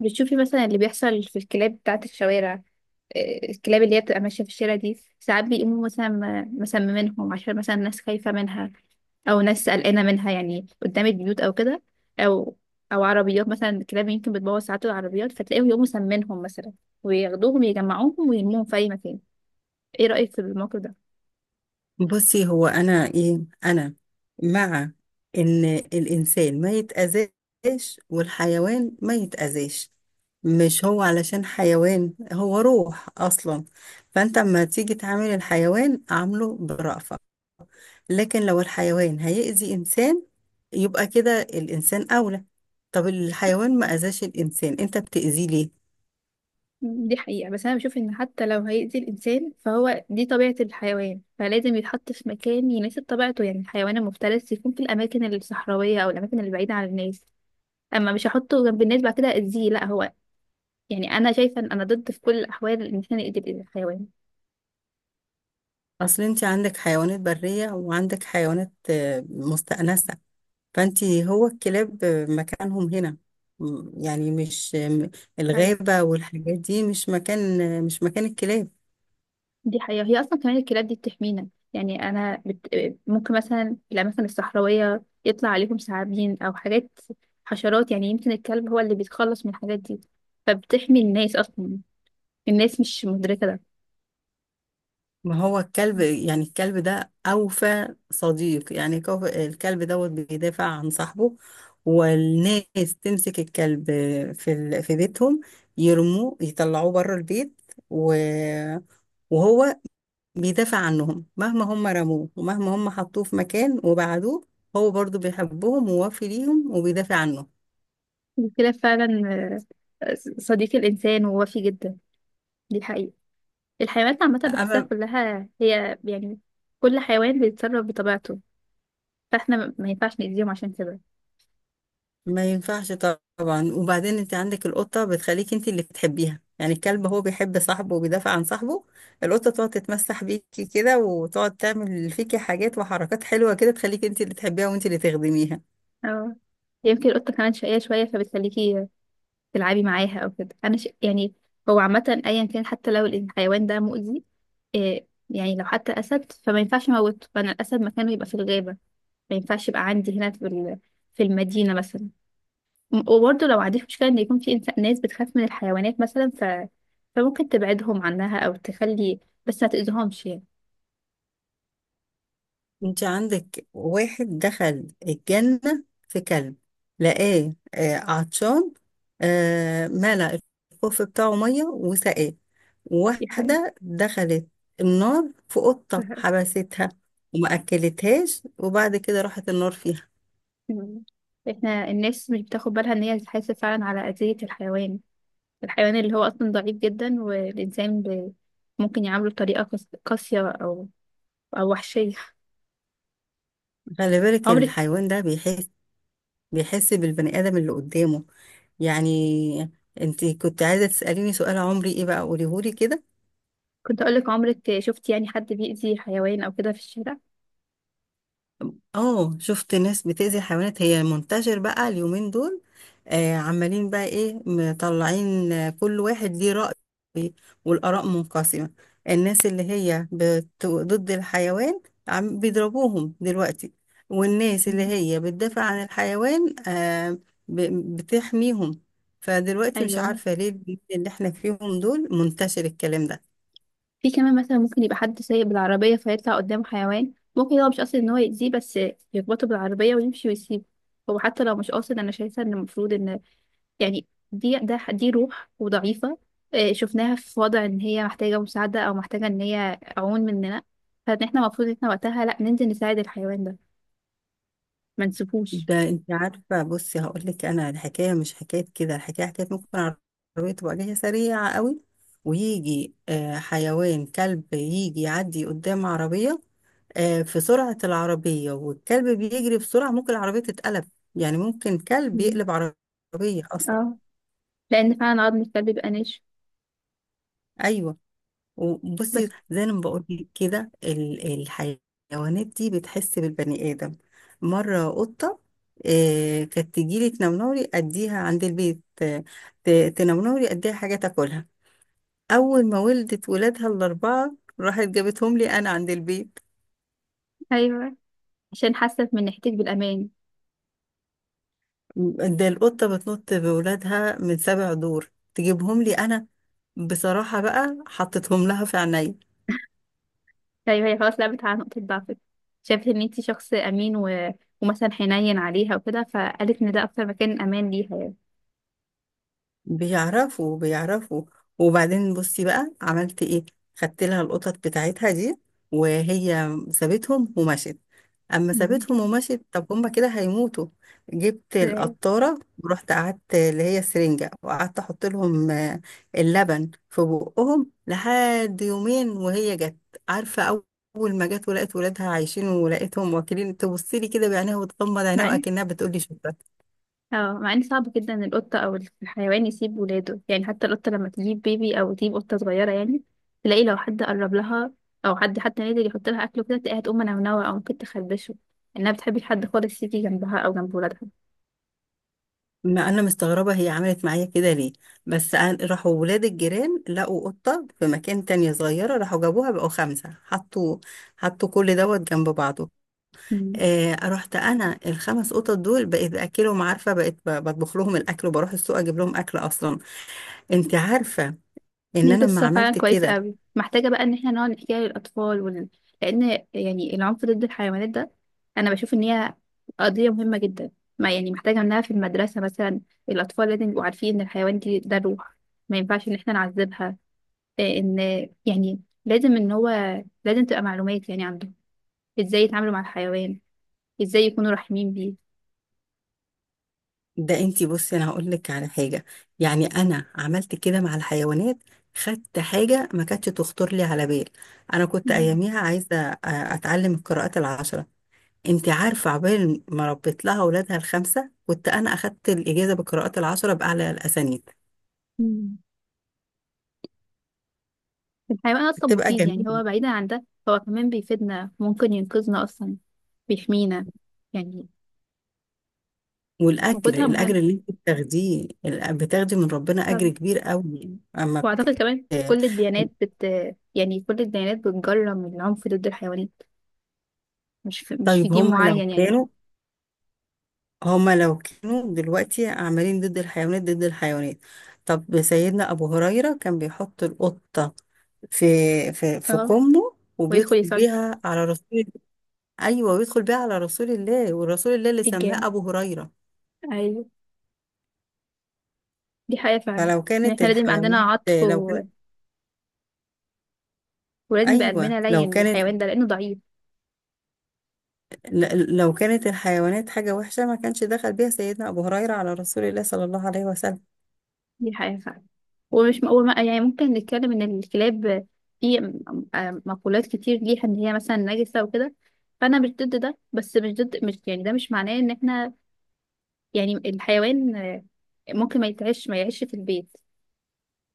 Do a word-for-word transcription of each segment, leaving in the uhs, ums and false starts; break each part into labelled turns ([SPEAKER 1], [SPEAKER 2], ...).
[SPEAKER 1] بتشوفي مثلا اللي بيحصل في الكلاب بتاعة الشوارع. آه، الكلاب اللي هي بتبقى ماشية في الشارع دي ساعات بيقوموا مثلا م- مسممينهم عشان مثلا ناس خايفة منها أو ناس قلقانة منها يعني قدام البيوت أو كده أو أو عربيات، مثلا الكلاب يمكن بتبوظ ساعات العربيات فتلاقيهم يقوموا مسمينهم مثلا وياخدوهم يجمعوهم ويرموهم في أي مكان. إيه رأيك في الموقف ده؟
[SPEAKER 2] بصي، هو انا ايه انا مع ان الانسان ما يتاذاش والحيوان ما يتاذاش. مش هو علشان حيوان، هو روح اصلا. فانت اما تيجي تعامل الحيوان عامله برأفة، لكن لو الحيوان هيأذي انسان يبقى كده الانسان اولى. طب الحيوان ما اذاش الانسان، انت بتأذيه ليه؟
[SPEAKER 1] دي حقيقة، بس أنا بشوف إن حتى لو هيأذي الإنسان فهو دي طبيعة الحيوان، فلازم يتحط في مكان يناسب طبيعته، يعني الحيوان المفترس يكون في الأماكن الصحراوية أو الأماكن اللي بعيدة عن الناس. أما مش هحطه جنب الناس بعد كده أذيه لأ هو، يعني أنا شايفة إن أنا ضد في كل الأحوال إن إحنا نأذي الحيوان.
[SPEAKER 2] اصل انت عندك حيوانات برية وعندك حيوانات آه، مستأنسة. فانت هو الكلاب مكانهم هنا. م- يعني مش م-
[SPEAKER 1] أيوة،
[SPEAKER 2] الغابة والحاجات دي، مش مكان مش مكان الكلاب.
[SPEAKER 1] دي حقيقة، هي أصلا كمان الكلاب دي بتحمينا. يعني أنا بت... ممكن مثلا في الأماكن الصحراوية يطلع عليهم ثعابين أو حاجات، حشرات، يعني يمكن الكلب هو اللي بيتخلص من الحاجات دي، فبتحمي الناس اصلا. الناس مش مدركة ده.
[SPEAKER 2] ما هو الكلب، يعني الكلب ده أوفى صديق. يعني كوف- الكلب دوت بيدافع عن صاحبه، والناس تمسك الكلب في ال- في بيتهم، يرموه يطلعوه بره البيت. و- وهو بيدافع عنهم. مهما هم رموه ومهما هم حطوه في مكان وبعدوه، هو برضو بيحبهم ووافي ليهم وبيدافع عنهم.
[SPEAKER 1] الكلاب فعلا آه، صديق الإنسان ووفي جدا. دي حقيقة. الحيوانات عامة بحسها
[SPEAKER 2] أما
[SPEAKER 1] كلها هي يعني كل حيوان بيتصرف بطبيعته، فاحنا ما ما ينفعش نأذيهم عشان كده.
[SPEAKER 2] ما ينفعش. طبعا. وبعدين انت عندك القطة بتخليك انت اللي بتحبيها. يعني الكلب هو بيحب صاحبه وبيدافع عن صاحبه. القطة تقعد تتمسح بيكي كده وتقعد تعمل فيكي حاجات وحركات حلوة كده، تخليك انت اللي تحبيها وانت اللي تخدميها.
[SPEAKER 1] اه، يمكن القطة كمان شقية شوية فبتخليكي تلعبي معاها أو كده. أنا ش... يعني هو عامة أيا كان حتى لو الحيوان ده مؤذي، إيه يعني لو حتى أسد فما ينفعش أموته، فأنا الأسد مكانه يبقى في الغابة. ما ينفعش يبقى عندي هنا في ال- في المدينة مثلا. وبرضه لو عندك مشكلة إن يكون في إنسان ناس بتخاف من الحيوانات مثلا ف... فممكن تبعدهم عنها أو تخلي، بس ما تأذيهمش يعني.
[SPEAKER 2] انت عندك واحد دخل الجنة في كلب، لقاه آه، عطشان، آه، ملأ الخوف بتاعه مية وسقاه.
[SPEAKER 1] دي حقيقة.
[SPEAKER 2] واحدة دخلت النار في
[SPEAKER 1] دي
[SPEAKER 2] قطة
[SPEAKER 1] حقيقة.
[SPEAKER 2] حبستها، وما أكلتهاش، وبعد كده راحت النار فيها.
[SPEAKER 1] مم. إحنا الناس مش بتاخد بالها إن هي بتحاسب فعلا على أذية الحيوان، الحيوان اللي هو أصلا ضعيف جدا، والإنسان ب... ممكن يعامله بطريقة قاس- قاسية أو أو وحشية.
[SPEAKER 2] خلي بالك
[SPEAKER 1] عمرك،
[SPEAKER 2] الحيوان ده بيحس بيحس بالبني آدم اللي قدامه. يعني انت كنت عايزة تسأليني سؤال، عمري ايه بقى قوليهولي كده.
[SPEAKER 1] كنت أقولك عمرك شفتي يعني حد بيأذي حيوان أو كده في الشارع؟
[SPEAKER 2] اه، شفت ناس بتأذي الحيوانات، هي منتشر بقى اليومين دول. آه عمالين بقى ايه مطلعين، آه، كل واحد ليه رأي والآراء منقسمة. الناس اللي هي بت... ضد الحيوان عم بيضربوهم دلوقتي، والناس اللي
[SPEAKER 1] مم.
[SPEAKER 2] هي بتدافع عن الحيوان. آه ب... بتحميهم. فدلوقتي مش
[SPEAKER 1] أيوه،
[SPEAKER 2] عارفة ليه الجيل اللي احنا فيهم دول منتشر الكلام ده.
[SPEAKER 1] في كمان مثلا ممكن يبقى حد سايق بالعربية فيطلع قدامه حيوان، ممكن هو مش قاصد ان هو يأذيه بس يخبطه بالعربية ويمشي ويسيبه. هو حتى لو مش قاصد انا شايفة ان المفروض ان، يعني، دي ده دي روح وضعيفة آه، شفناها في وضع ان هي محتاجة مساعدة او محتاجة ان هي عون مننا، فان احنا المفروض ان احنا وقتها لا ننزل نساعد الحيوان ده، ما نسيبوش.
[SPEAKER 2] ده انت عارفه، بصي هقول لك، انا الحكايه مش حكايه كده. الحكايه حكايه ممكن العربيه تبقى جايه سريعه قوي، ويجي آه، حيوان كلب يجي يعدي قدام عربيه. آه، في سرعه العربيه والكلب بيجري بسرعه، ممكن العربيه تتقلب. يعني ممكن كلب
[SPEAKER 1] مم.
[SPEAKER 2] يقلب عربيه اصلا.
[SPEAKER 1] اه، لان فعلا عظم الكلب بيبقى ناشف.
[SPEAKER 2] ايوه. وبصي
[SPEAKER 1] بس
[SPEAKER 2] زي ما بقول لك كده، ال- الحيوانات دي بتحس بالبني آدم. مرة قطة آه، كانت تجيلي تنمنوري أديها عند البيت، آه، ت- تنمنوري أديها حاجة تاكلها. أول ما ولدت ولادها الأربعة راحت جابتهم لي أنا عند البيت.
[SPEAKER 1] ايوه، عشان حاسة من ناحيتك بالامان.
[SPEAKER 2] ده القطة بتنط بولادها من سبع دور تجيبهم لي أنا. بصراحة بقى حطيتهم لها في عينيا.
[SPEAKER 1] طيب هي خلاص لعبت على نقطة ضعفك، شافت ان انتي شخص امين و... ومثلا حنين عليها وكده، فقالت ان ده اكتر مكان امان ليها يعني.
[SPEAKER 2] بيعرفوا بيعرفوا. وبعدين بصي بقى عملت ايه؟ خدت لها القطط بتاعتها دي، وهي سابتهم ومشت. اما
[SPEAKER 1] مم.
[SPEAKER 2] سابتهم ومشت طب هما كده هيموتوا. جبت
[SPEAKER 1] إزاي؟
[SPEAKER 2] القطاره ورحت قعدت اللي هي السرنجه، وقعدت احط لهم آه، اللبن في بقهم لحد يومين وهي جت. عارفه، اول ما جت ولقت ولادها عايشين ولقيتهم واكلين، تبص لي كده بعينيها وتغمض عينيها
[SPEAKER 1] مع ان،
[SPEAKER 2] واكنها بتقول لي شكرا.
[SPEAKER 1] اه مع ان صعب جدا إن القطة او الحيوان يسيب ولاده، يعني حتى القطة لما تجيب بيبي او تجيب قطة صغيرة يعني تلاقي لو حد قرب لها او حد حتى نادر يحط لها اكل وكده تلاقيها تقوم منونوة او ممكن تخربشه، انها بتحبش حد خالص يجي جنبها او جنب ولادها.
[SPEAKER 2] ما انا مستغربه هي عملت معايا كده ليه. بس أنا- راحوا ولاد الجيران لقوا قطه في مكان تانية صغيره، راحوا جابوها بقوا خمسه، حطوا حطوا كل دوت جنب بعضه.
[SPEAKER 1] مم.
[SPEAKER 2] آه رحت انا الخمس قطط دول بقيت باكلهم. عارفه، بقيت ب- بطبخ لهم الاكل، وبروح السوق اجيب لهم اكل اصلا. انت عارفه ان
[SPEAKER 1] دي
[SPEAKER 2] انا لما
[SPEAKER 1] قصة فعلا
[SPEAKER 2] عملت
[SPEAKER 1] كويسة
[SPEAKER 2] كده.
[SPEAKER 1] قوي، محتاجة بقى ان احنا نقعد نحكيها للأطفال ون... لأن، يعني، العنف ضد الحيوانات ده أنا بشوف ان هي قضية مهمة جدا، ما يعني محتاجة انها في المدرسة مثلا الأطفال لازم يبقوا عارفين ان الحيوان دي ده روح، ما ينفعش ان احنا نعذبها. إيه ان، يعني لازم ان هو لازم تبقى معلومات يعني عنده ازاي يتعاملوا مع الحيوان، ازاي يكونوا رحيمين بيه.
[SPEAKER 2] ده انتي بصي، انا هقول لك على حاجه. يعني انا عملت كده مع الحيوانات، خدت حاجه ما كانتش تخطر لي على بال. انا كنت
[SPEAKER 1] مم.
[SPEAKER 2] اياميها عايزه أ- اتعلم القراءات العشره. انتي عارفه، عقبال ما ربيت لها اولادها الخمسه كنت انا اخدت الاجازه بالقراءات العشره باعلى الاسانيد.
[SPEAKER 1] مم. الحيوان أصلا
[SPEAKER 2] بتبقى
[SPEAKER 1] مفيد، يعني هو
[SPEAKER 2] جميله.
[SPEAKER 1] بعيدا عن ده هو كمان بيفيدنا، ممكن ينقذنا أصلا، بيحمينا يعني.
[SPEAKER 2] والاجر،
[SPEAKER 1] وجودها
[SPEAKER 2] الاجر
[SPEAKER 1] مهم
[SPEAKER 2] اللي انت بتاخديه ال- بتاخدي من ربنا اجر
[SPEAKER 1] طبعا.
[SPEAKER 2] كبير قوي، اما بت...
[SPEAKER 1] وأعتقد كمان كل الديانات بت يعني كل الديانات بتجرم العنف ضد الحيوانات، مش في... مش في
[SPEAKER 2] طيب
[SPEAKER 1] دين
[SPEAKER 2] هما لو
[SPEAKER 1] معين يعني.
[SPEAKER 2] كانوا هما لو كانوا دلوقتي عاملين ضد الحيوانات، ضد الحيوانات. طب سيدنا أبو هريرة كان بيحط القطة في في في
[SPEAKER 1] اه،
[SPEAKER 2] كمه
[SPEAKER 1] ويدخل
[SPEAKER 2] وبيدخل
[SPEAKER 1] يصلي
[SPEAKER 2] بيها على رسول. أيوة، ويدخل بيها على رسول الله، ورسول الله اللي سماه
[SPEAKER 1] الجامع.
[SPEAKER 2] أبو هريرة.
[SPEAKER 1] أيوة، دي حقيقة فعلا،
[SPEAKER 2] فلو
[SPEAKER 1] يعني
[SPEAKER 2] كانت
[SPEAKER 1] احنا لازم يبقى عندنا
[SPEAKER 2] الحيوانات،
[SPEAKER 1] عطف
[SPEAKER 2] لو
[SPEAKER 1] و...
[SPEAKER 2] كانت
[SPEAKER 1] ولازم يبقى
[SPEAKER 2] أيوة،
[SPEAKER 1] قلبنا
[SPEAKER 2] لو
[SPEAKER 1] لين
[SPEAKER 2] كانت
[SPEAKER 1] للحيوان ده لأنه ضعيف.
[SPEAKER 2] ل- لو كانت الحيوانات حاجة وحشة ما كانش دخل بيها سيدنا أبو هريرة على رسول الله صلى الله عليه وسلم.
[SPEAKER 1] دي حقيقة فعلا. ومش م... وما... يعني ممكن نتكلم إن الكلاب في م- م- مقولات كتير ليها إن هي مثلا نجسة وكده، فأنا مش ضد ده، بس مش ضد مش يعني ده مش معناه إن احنا، يعني، الحيوان آه، ممكن ما يتعيش ما يعيش في البيت،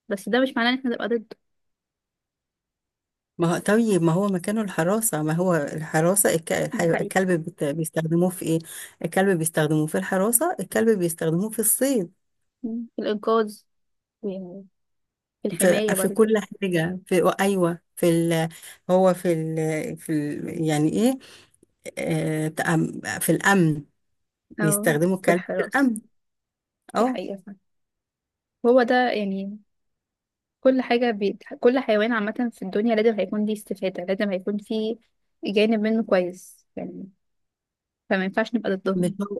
[SPEAKER 1] بس ده مش معناه ان احنا نبقى ضده.
[SPEAKER 2] ما هو طيب، ما هو مكانه الحراسة، ما هو الحراسة الك...
[SPEAKER 1] دي
[SPEAKER 2] الحي...
[SPEAKER 1] حقيقة.
[SPEAKER 2] الكلب بت... بيستخدموه في ايه؟ الكلب بيستخدموه في الحراسة، الكلب بيستخدموه في الصيد.
[SPEAKER 1] مم. في الإنقاذ يعني، في
[SPEAKER 2] في,
[SPEAKER 1] الحماية
[SPEAKER 2] في كل
[SPEAKER 1] برضه.
[SPEAKER 2] حاجة. في ايوه. في ال... هو في ال... في ال... يعني ايه، آه... تأم... في الأمن.
[SPEAKER 1] أو
[SPEAKER 2] بيستخدموا
[SPEAKER 1] في
[SPEAKER 2] الكلب في
[SPEAKER 1] الحراسة.
[SPEAKER 2] الأمن.
[SPEAKER 1] دي
[SPEAKER 2] اه.
[SPEAKER 1] حقيقة فعلا. هو ده يعني كل حاجة بي... كل حيوان عامة في الدنيا لازم هيكون ليه استفادة، لازم هيكون فيه جانب منه كويس يعني، فما ينفعش نبقى
[SPEAKER 2] مش
[SPEAKER 1] ضدهم.
[SPEAKER 2] هو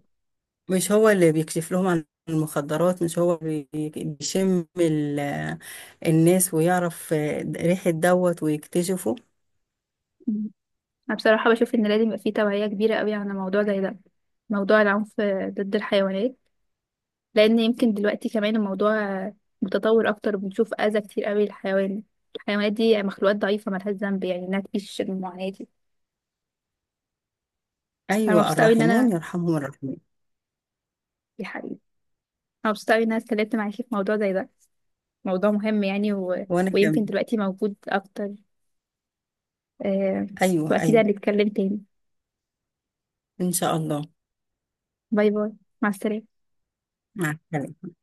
[SPEAKER 2] مش هو اللي بيكشف لهم عن المخدرات، مش هو بي- بيشم ال... الناس ويعرف آه، ريحة دوت ويكتشفه.
[SPEAKER 1] مم. أنا بصراحة بشوف إن لازم يبقى فيه توعية كبيرة قوي عن موضوع زي ده، موضوع العنف ضد الحيوانات، لان يمكن دلوقتي كمان الموضوع متطور اكتر وبنشوف اذى كتير قوي للحيوان. الحيوانات دي مخلوقات ضعيفه ملهاش ذنب يعني انها تعيش المعاناه دي. انا
[SPEAKER 2] أيوة،
[SPEAKER 1] مبسوطه قوي ان
[SPEAKER 2] الراحمون
[SPEAKER 1] انا
[SPEAKER 2] يرحمهم الراحمين.
[SPEAKER 1] يا حبيبي، انا مبسوطه قوي ان انا اتكلمت معاكي في موضوع زي ده، موضوع مهم يعني و...
[SPEAKER 2] وأنا كمان.
[SPEAKER 1] ويمكن دلوقتي موجود اكتر آه...
[SPEAKER 2] أيوة،
[SPEAKER 1] واكيد
[SPEAKER 2] أيوة.
[SPEAKER 1] هنتكلم تاني.
[SPEAKER 2] إن شاء الله.
[SPEAKER 1] باي باي، مع السلامه.
[SPEAKER 2] مع السلامة.